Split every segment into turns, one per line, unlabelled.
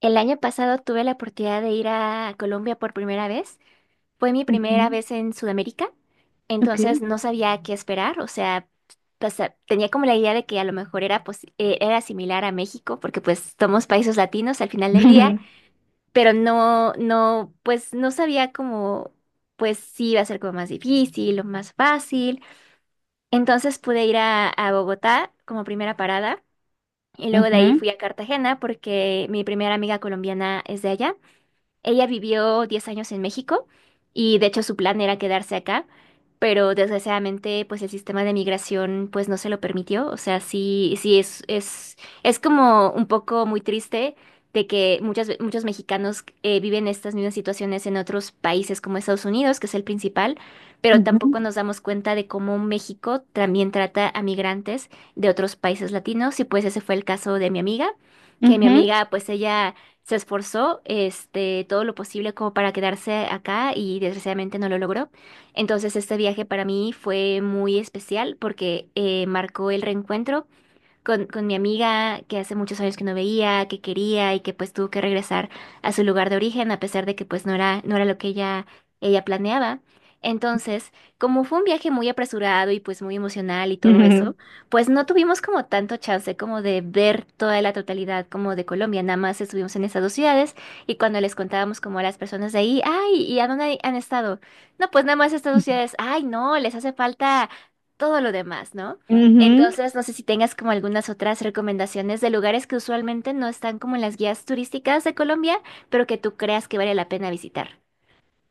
El año pasado tuve la oportunidad de ir a Colombia por primera vez. Fue mi
Ujú.
primera vez en Sudamérica, entonces
Ok.
no sabía qué esperar, o sea, pues, tenía como la idea de que a lo mejor era, pues, era similar a México, porque pues somos países latinos al final del día, pero no, no, pues no sabía cómo, pues si iba a ser como más difícil o más fácil. Entonces pude ir a Bogotá como primera parada. Y luego de ahí
Claro.
fui a Cartagena porque mi primera amiga colombiana es de allá. Ella vivió 10 años en México y de hecho su plan era quedarse acá, pero desgraciadamente pues el sistema de migración pues no se lo permitió. O sea, sí, sí es es como un poco muy triste de que muchos mexicanos viven estas mismas situaciones en otros países como Estados Unidos, que es el principal, pero
Ujú,
tampoco nos damos cuenta de cómo México también trata a migrantes de otros países latinos y pues ese fue el caso de mi amiga, que mi
ujú,
amiga pues ella se esforzó todo lo posible como para quedarse acá y desgraciadamente no lo logró. Entonces este viaje para mí fue muy especial porque marcó el reencuentro con mi amiga que hace muchos años que no veía, que quería y que pues tuvo que regresar a su lugar de origen a pesar de que pues no era lo que ella planeaba. Entonces, como fue un viaje muy apresurado y pues muy emocional y todo eso,
ujú,
pues no tuvimos como tanto chance como de ver toda la totalidad como de Colombia, nada más estuvimos en esas dos ciudades y cuando les contábamos como a las personas de ahí, ay, ¿y a dónde han estado? No, pues nada más estas
ujú,
dos ciudades, ay, no, les hace falta todo lo demás, ¿no?
ujú.
Entonces, no sé si tengas como algunas otras recomendaciones de lugares que usualmente no están como en las guías turísticas de Colombia, pero que tú creas que vale la pena visitar.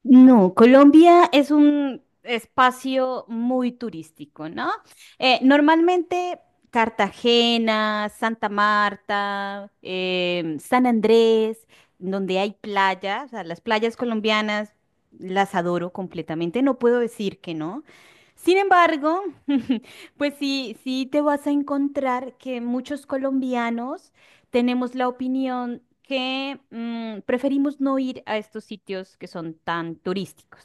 No, Colombia es un espacio muy turístico, ¿no? Normalmente Cartagena, Santa Marta, San Andrés, donde hay playas, o sea, las playas colombianas las adoro completamente, no puedo decir que no. Sin embargo, pues sí, sí te vas a encontrar que muchos colombianos tenemos la opinión que preferimos no ir a estos sitios que son tan turísticos,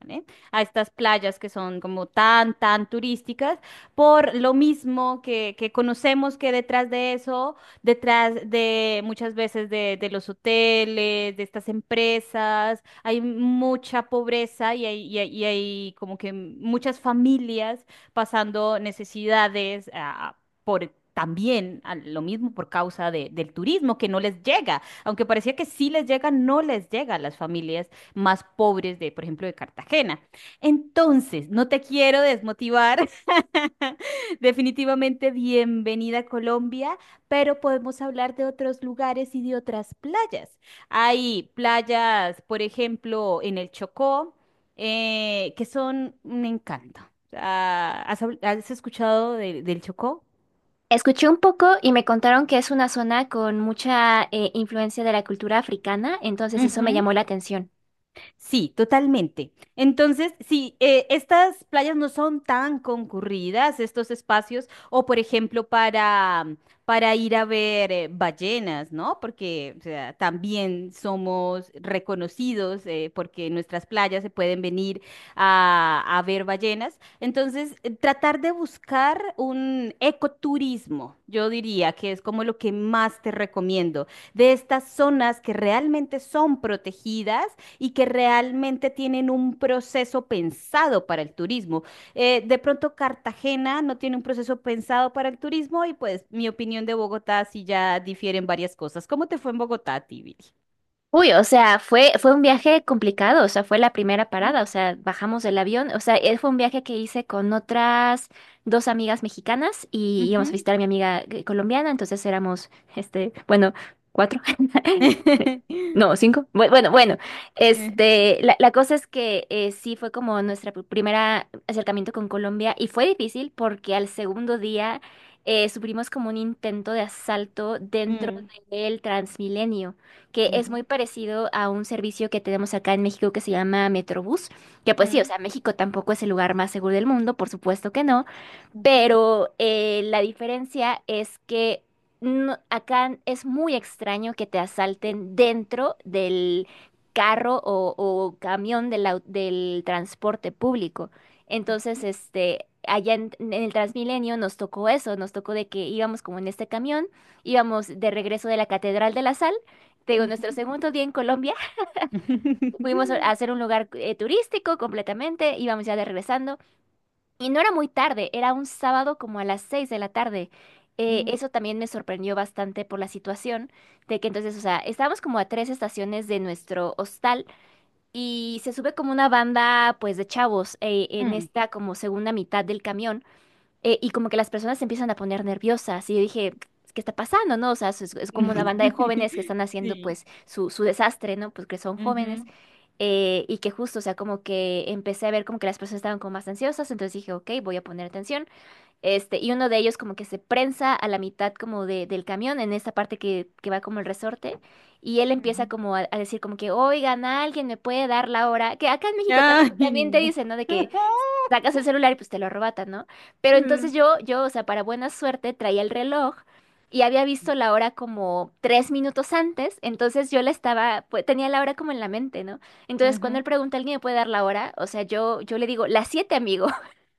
¿vale? A estas playas que son como tan, tan turísticas, por lo mismo que, conocemos que detrás de eso, detrás de muchas veces de los hoteles, de estas empresas, hay mucha pobreza y hay como que muchas familias pasando necesidades, por también a lo mismo por causa del turismo que no les llega, aunque parecía que sí les llega, no les llega a las familias más pobres de, por ejemplo, de Cartagena. Entonces, no te quiero desmotivar. Definitivamente bienvenida a Colombia, pero podemos hablar de otros lugares y de otras playas. Hay playas, por ejemplo, en el Chocó, que son un encanto. Ah, ¿has escuchado del Chocó?
Escuché un poco y me contaron que es una zona con mucha influencia de la cultura africana, entonces eso me
Ujú.
llamó la atención.
Sí, totalmente. Entonces, sí, estas playas no son tan concurridas, estos espacios, o por ejemplo para ir a ver ballenas, ¿no? Porque o sea, también somos reconocidos porque en nuestras playas se pueden venir a ver ballenas. Entonces, tratar de buscar un ecoturismo, yo diría que es como lo que más te recomiendo, de estas zonas que realmente son protegidas y que realmente tienen un proceso pensado para el turismo. De pronto Cartagena no tiene un proceso pensado para el turismo y pues mi opinión de Bogotá sí ya difieren varias cosas. ¿Cómo te fue en Bogotá, Tibiri?
Uy, o sea, fue un viaje complicado, o sea, fue la primera
Mm,
parada, o sea, bajamos del avión, o sea, fue un viaje que hice con otras dos amigas mexicanas y íbamos a
ujú.
visitar a mi amiga colombiana, entonces éramos, bueno, cuatro, no, cinco, bueno, bueno,
Eh,
la cosa es que sí fue como nuestra primera acercamiento con Colombia y fue difícil porque al segundo día sufrimos como un intento de asalto dentro
mm,
del Transmilenio que es muy
ujú,
parecido a un servicio que tenemos acá en México que se llama Metrobús, que pues sí, o
mm,
sea, México tampoco es el lugar más seguro del mundo, por supuesto que no,
ujú,
pero la diferencia es que acá es muy extraño que te asalten dentro del carro o camión del transporte público. Entonces, allá en el Transmilenio nos tocó eso, nos tocó de que íbamos como en este camión, íbamos de regreso de la Catedral de la Sal. Te digo, nuestro
ujú.
segundo día en Colombia, fuimos a hacer un lugar turístico completamente, íbamos ya de regresando. Y no era muy tarde, era un sábado como a las 6 de la tarde. Eh,
Mm,
eso también me sorprendió bastante por la situación de que entonces, o sea, estábamos como a 3 estaciones de nuestro hostal y se sube como una banda pues de chavos en
mm.
esta como segunda mitad del camión y como que las personas se empiezan a poner nerviosas y yo dije, ¿qué está pasando, no? O sea, es como una banda de jóvenes que están haciendo
Sí.
pues su desastre, ¿no? Pues que son jóvenes
Ujú,
y que justo, o sea, como que empecé a ver como que las personas estaban como más ansiosas, entonces dije, ok, voy a poner atención. Y uno de ellos como que se prensa a la mitad como del camión, en esta parte que va como el resorte, y él empieza
ujú.
como a decir como que, oigan, alguien me puede dar la hora, que acá en México también,
Ay,
también te
no.
dicen, ¿no? De que sacas el celular y pues te lo arrebatan, ¿no? Pero entonces
Mm,
yo, o sea, para buena suerte traía el reloj y había visto la hora como 3 minutos antes, entonces yo la estaba, pues tenía la hora como en la mente, ¿no? Entonces cuando
ujú,
él pregunta, ¿alguien me puede dar la hora? O sea, yo le digo, las 7, amigo,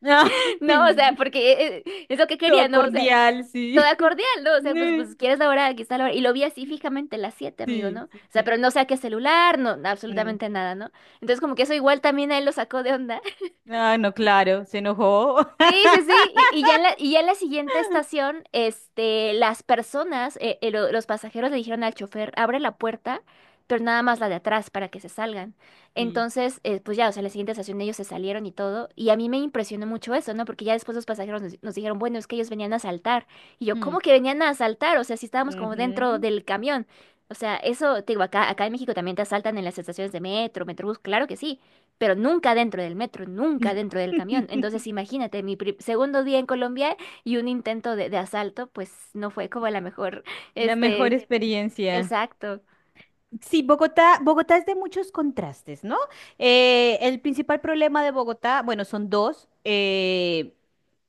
ah,
¿no? O sea, porque es lo que quería,
todo
¿no? O sea,
cordial,
toda
sí.
cordial, ¿no? O sea, pues,
Mm.
pues, ¿quieres la hora? Aquí está la hora. Y lo vi así fijamente, las 7, amigo,
Sí,
¿no? O
sí,
sea,
sí.
pero no saqué celular, no,
Mm.
absolutamente nada, ¿no? Entonces como que eso igual también a él lo sacó de onda.
Ah, no, claro, se enojó.
Sí, sí, sí, y ya en la, y ya en la siguiente estación, las personas, los pasajeros le dijeron al chofer, abre la puerta, pero nada más la de atrás para que se salgan.
Sí.
Entonces, pues ya, o sea, en la siguiente estación ellos se salieron y todo, y a mí me impresionó mucho eso, ¿no? Porque ya después los pasajeros nos dijeron, bueno, es que ellos venían a asaltar. Y yo, ¿cómo
Mm.
que venían a asaltar? O sea, si estábamos como dentro
Ujú.
del camión. O sea, eso, te digo, acá en México también te asaltan en las estaciones de metro, metrobús, claro que sí pero nunca dentro del metro, nunca dentro del camión. Entonces, imagínate, mi segundo día en Colombia y un intento de asalto, pues no fue como la mejor,
La mejor
este,
experiencia.
exacto.
Sí, Bogotá, Bogotá es de muchos contrastes, ¿no? El principal problema de Bogotá, bueno, son dos,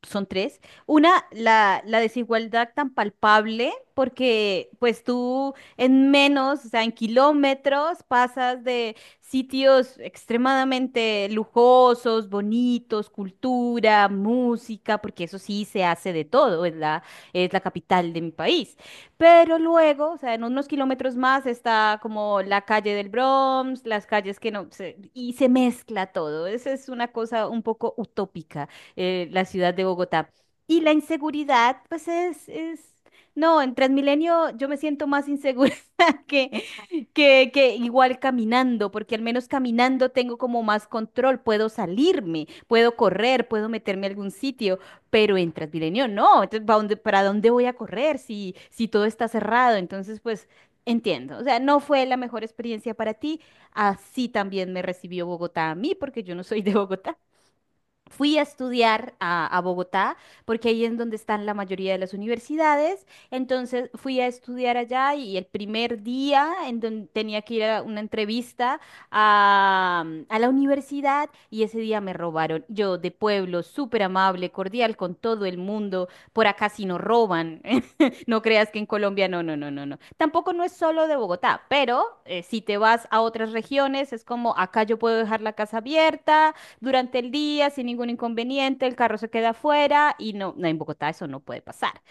son tres. Una, la desigualdad tan palpable, porque pues tú en menos, o sea, en kilómetros, pasas de sitios extremadamente lujosos, bonitos, cultura, música, porque eso sí se hace de todo, es la capital de mi país pero luego, o sea, en unos kilómetros más está como la calle del Bronx, las calles que no, y se mezcla todo. Esa es una cosa un poco utópica, la ciudad de Bogotá. Y la inseguridad, pues no, en Transmilenio yo me siento más insegura que, que igual caminando, porque al menos caminando tengo como más control, puedo salirme, puedo correr, puedo meterme a algún sitio pero en Transmilenio no, entonces ¿para dónde, voy a correr si todo está cerrado? Entonces, pues entiendo, o sea, no fue la mejor experiencia para ti, así también me recibió Bogotá a mí porque yo no soy de Bogotá. Fui a estudiar a Bogotá, porque ahí es donde están la mayoría de las universidades. Entonces fui a estudiar allá y el primer día en donde tenía que ir a una entrevista a la universidad y ese día me robaron. Yo de pueblo, súper amable, cordial con todo el mundo. Por acá sí no roban. No creas que en Colombia no, no, no, no, no. Tampoco no es solo de Bogotá, pero si te vas a otras regiones es como acá yo puedo dejar la casa abierta durante el día sin ningún inconveniente, el carro se queda afuera y no, no, en Bogotá eso no puede pasar.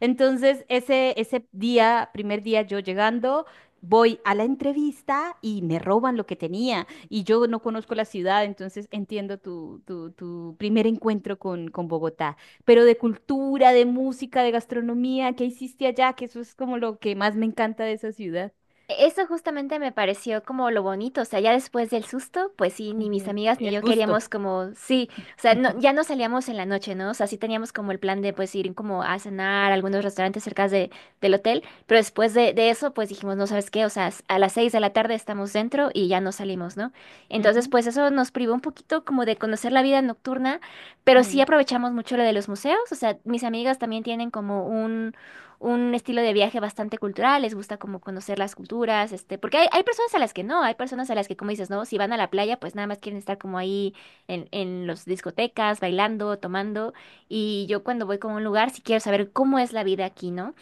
Entonces, ese día, primer día yo llegando, voy a la entrevista y me roban lo que tenía y yo no conozco la ciudad, entonces entiendo tu primer encuentro con Bogotá, pero de cultura, de música, de gastronomía, ¿qué hiciste allá? Que eso es como lo que más me encanta de esa ciudad.
Eso justamente me pareció como lo bonito, o sea, ya después del susto, pues sí, ni mis
Ujú.
amigas ni
El
yo
gusto.
queríamos como, sí, o sea, ya no salíamos en la noche, ¿no? O sea, sí teníamos como el plan de pues ir como a cenar a algunos restaurantes cerca del hotel, pero después de eso, pues dijimos, no sabes qué, o sea, a las 6 de la tarde estamos dentro y ya no salimos, ¿no? Entonces,
Ujú,
pues eso nos privó un poquito como de conocer la vida nocturna, pero sí
mm,
aprovechamos mucho lo de los museos, o sea, mis amigas también tienen como un estilo de viaje bastante cultural, les gusta como conocer las culturas, porque hay personas a las que no, hay personas a las que, como dices, no, si van a la playa, pues nada más quieren estar como ahí en las discotecas, bailando, tomando, y yo cuando voy como a un lugar, sí quiero saber cómo es la vida aquí, ¿no?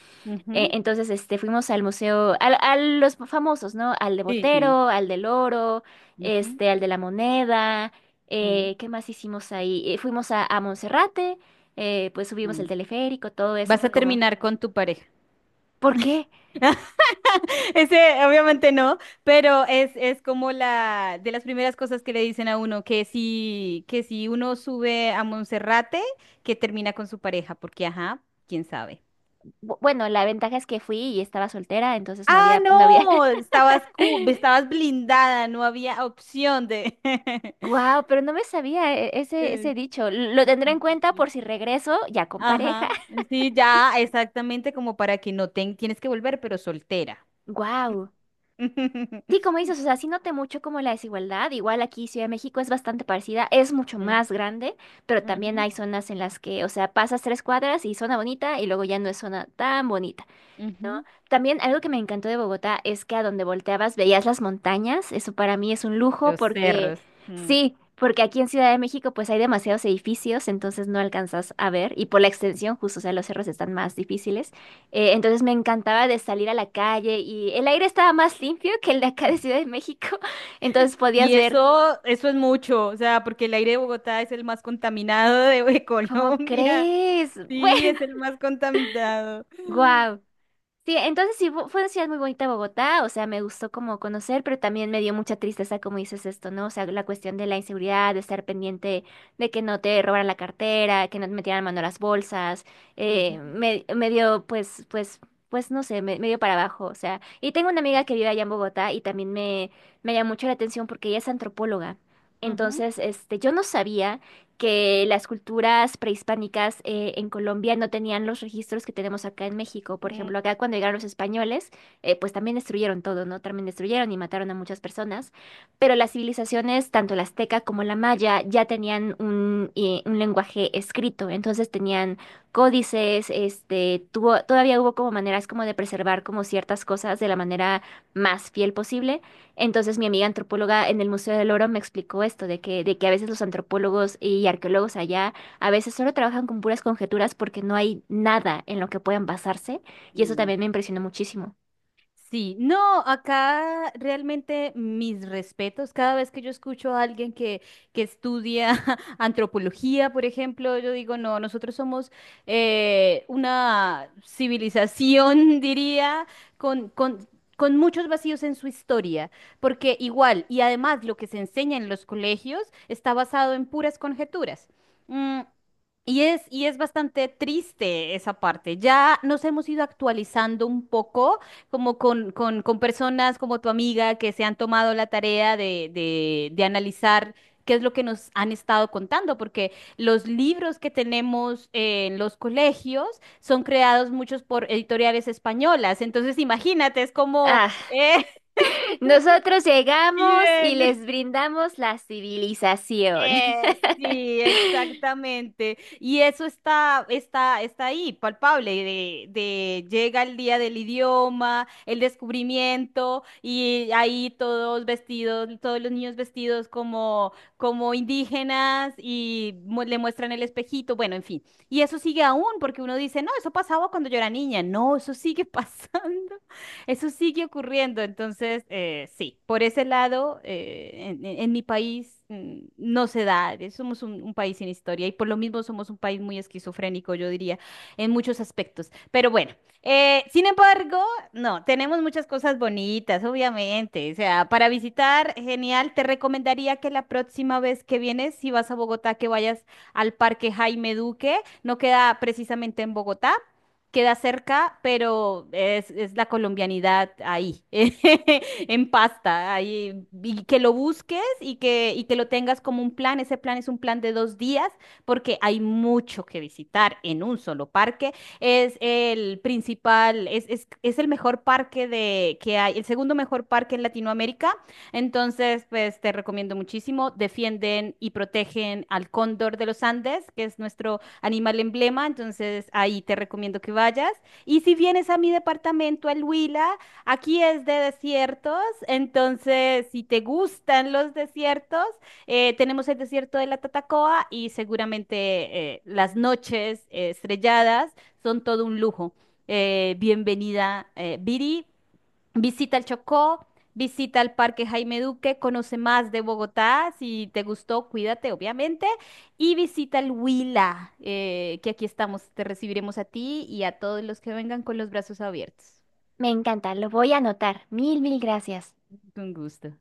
Eh,
ujú.
entonces, fuimos al museo, a los famosos, ¿no? Al de
Sí, sí.
Botero, al del Oro,
Ujú,
al de la Moneda,
mm.
¿qué más hicimos ahí? Fuimos a Monserrate, pues subimos el
Mm.
teleférico, todo eso
Vas
fue
a
como,
terminar con tu pareja.
¿por qué?
Ese obviamente no, pero es como la de las primeras cosas que le dicen a uno, que si, uno sube a Monserrate, que termina con su pareja, porque ajá, quién sabe.
Bueno, la ventaja es que fui y estaba soltera, entonces no
Ah,
había, no había.
no, estabas blindada, no había opción de...
Wow, pero no me sabía ese
Sí,
dicho. Lo tendré
sí,
en cuenta
sí.
por si regreso ya con pareja.
Ajá, sí, ya, exactamente como para que no tienes que volver, pero soltera.
Wow. Sí, como dices, o sea, sí noté mucho como la desigualdad. Igual aquí Ciudad de México es bastante parecida, es mucho
Mm.
más grande, pero también
Ujú,
hay zonas en las que, o sea, pasas tres cuadras y zona bonita y luego ya no es zona tan bonita, ¿no?
ujú.
También algo que me encantó de Bogotá es que a donde volteabas veías las montañas. Eso para mí es un lujo
Los
porque
cerros. Mm.
sí, porque aquí en Ciudad de México pues hay demasiados edificios, entonces no alcanzas a ver y por la extensión justo, o sea, los cerros están más difíciles. Entonces me encantaba de salir a la calle y el aire estaba más limpio que el de acá de Ciudad de México, entonces podías
Y
ver,
eso, eso es mucho, o sea, porque el aire de Bogotá es el más contaminado de
¿cómo
Colombia.
crees?
Sí, es el más contaminado.
Bueno, wow. Sí, entonces sí, fue una ciudad muy bonita Bogotá, o sea, me gustó como conocer, pero también me dio mucha tristeza, como dices esto, ¿no? O sea, la cuestión de la inseguridad, de estar pendiente de que no te robaran la cartera, que no te metieran mano a las bolsas,
Ujú,
me dio, pues, pues, pues, no sé, me dio para abajo, o sea, y tengo una amiga que vive allá en Bogotá y también me llamó mucho la atención porque ella es antropóloga,
ujú,
entonces, yo no sabía que las culturas prehispánicas en Colombia no tenían los registros que tenemos acá en México. Por
mm,
ejemplo, acá cuando llegaron los españoles, pues también destruyeron todo, ¿no? También destruyeron y mataron a muchas personas. Pero las civilizaciones, tanto la azteca como la maya, ya tenían un lenguaje escrito. Entonces tenían códices, todavía hubo como maneras como de preservar como ciertas cosas de la manera más fiel posible. Entonces mi amiga antropóloga en el Museo del Oro me explicó esto, de que a veces los antropólogos y arqueólogos allá a veces solo trabajan con puras conjeturas porque no hay nada en lo que puedan basarse y eso
mm.
también me impresionó muchísimo.
Sí, no, acá realmente mis respetos. Cada vez que yo escucho a alguien que estudia antropología, por ejemplo, yo digo, no, nosotros somos una civilización, diría, con, con, con, muchos vacíos en su historia, porque igual, y además lo que se enseña en los colegios está basado en puras conjeturas. Mm. Y es bastante triste esa parte. Ya nos hemos ido actualizando un poco como con, con personas como tu amiga que se han tomado la tarea de analizar qué es lo que nos han estado contando, porque los libros que tenemos en los colegios son creados muchos por editoriales españolas. Entonces, imagínate, es como,
Ah, nosotros llegamos y les
bien.
brindamos la civilización.
Sí, exactamente. Y eso está, está ahí, palpable, de, llega el día del idioma, el descubrimiento, y ahí todos vestidos, todos los niños vestidos como indígenas, y le muestran el espejito, bueno, en fin. Y eso sigue aún, porque uno dice, no, eso pasaba cuando yo era niña. No, eso sigue pasando. Eso sigue ocurriendo, entonces sí, por ese lado, en, en mi país no se da, somos un país sin historia y por lo mismo somos un país muy esquizofrénico, yo diría, en muchos aspectos. Pero bueno, sin embargo, no, tenemos muchas cosas bonitas, obviamente, o sea, para visitar, genial, te recomendaría que la próxima vez que vienes, si vas a Bogotá, que vayas al Parque Jaime Duque, no queda precisamente en Bogotá queda cerca, pero es la colombianidad ahí, en pasta, ahí, y que lo busques y que lo tengas como un plan. Ese plan es un plan de 2 días porque hay mucho que visitar en un solo parque. Es el principal, es el mejor parque que hay, el segundo mejor parque en Latinoamérica. Entonces, pues te recomiendo muchísimo. Defienden y protegen al cóndor de los Andes, que es nuestro animal emblema, entonces ahí te recomiendo que vayas. Y si vienes a mi departamento, al Huila, aquí es de desiertos, entonces si te gustan los desiertos, tenemos el desierto de la Tatacoa y seguramente las noches estrelladas son todo un lujo. Bienvenida, Viri. Visita el Chocó, visita el Parque Jaime Duque, conoce más de Bogotá, si te gustó, cuídate, obviamente, y visita el Huila, que aquí estamos, te recibiremos a ti y a todos los que vengan con los brazos abiertos.
Me encanta, lo voy a anotar. Mil, mil gracias.
Con gusto.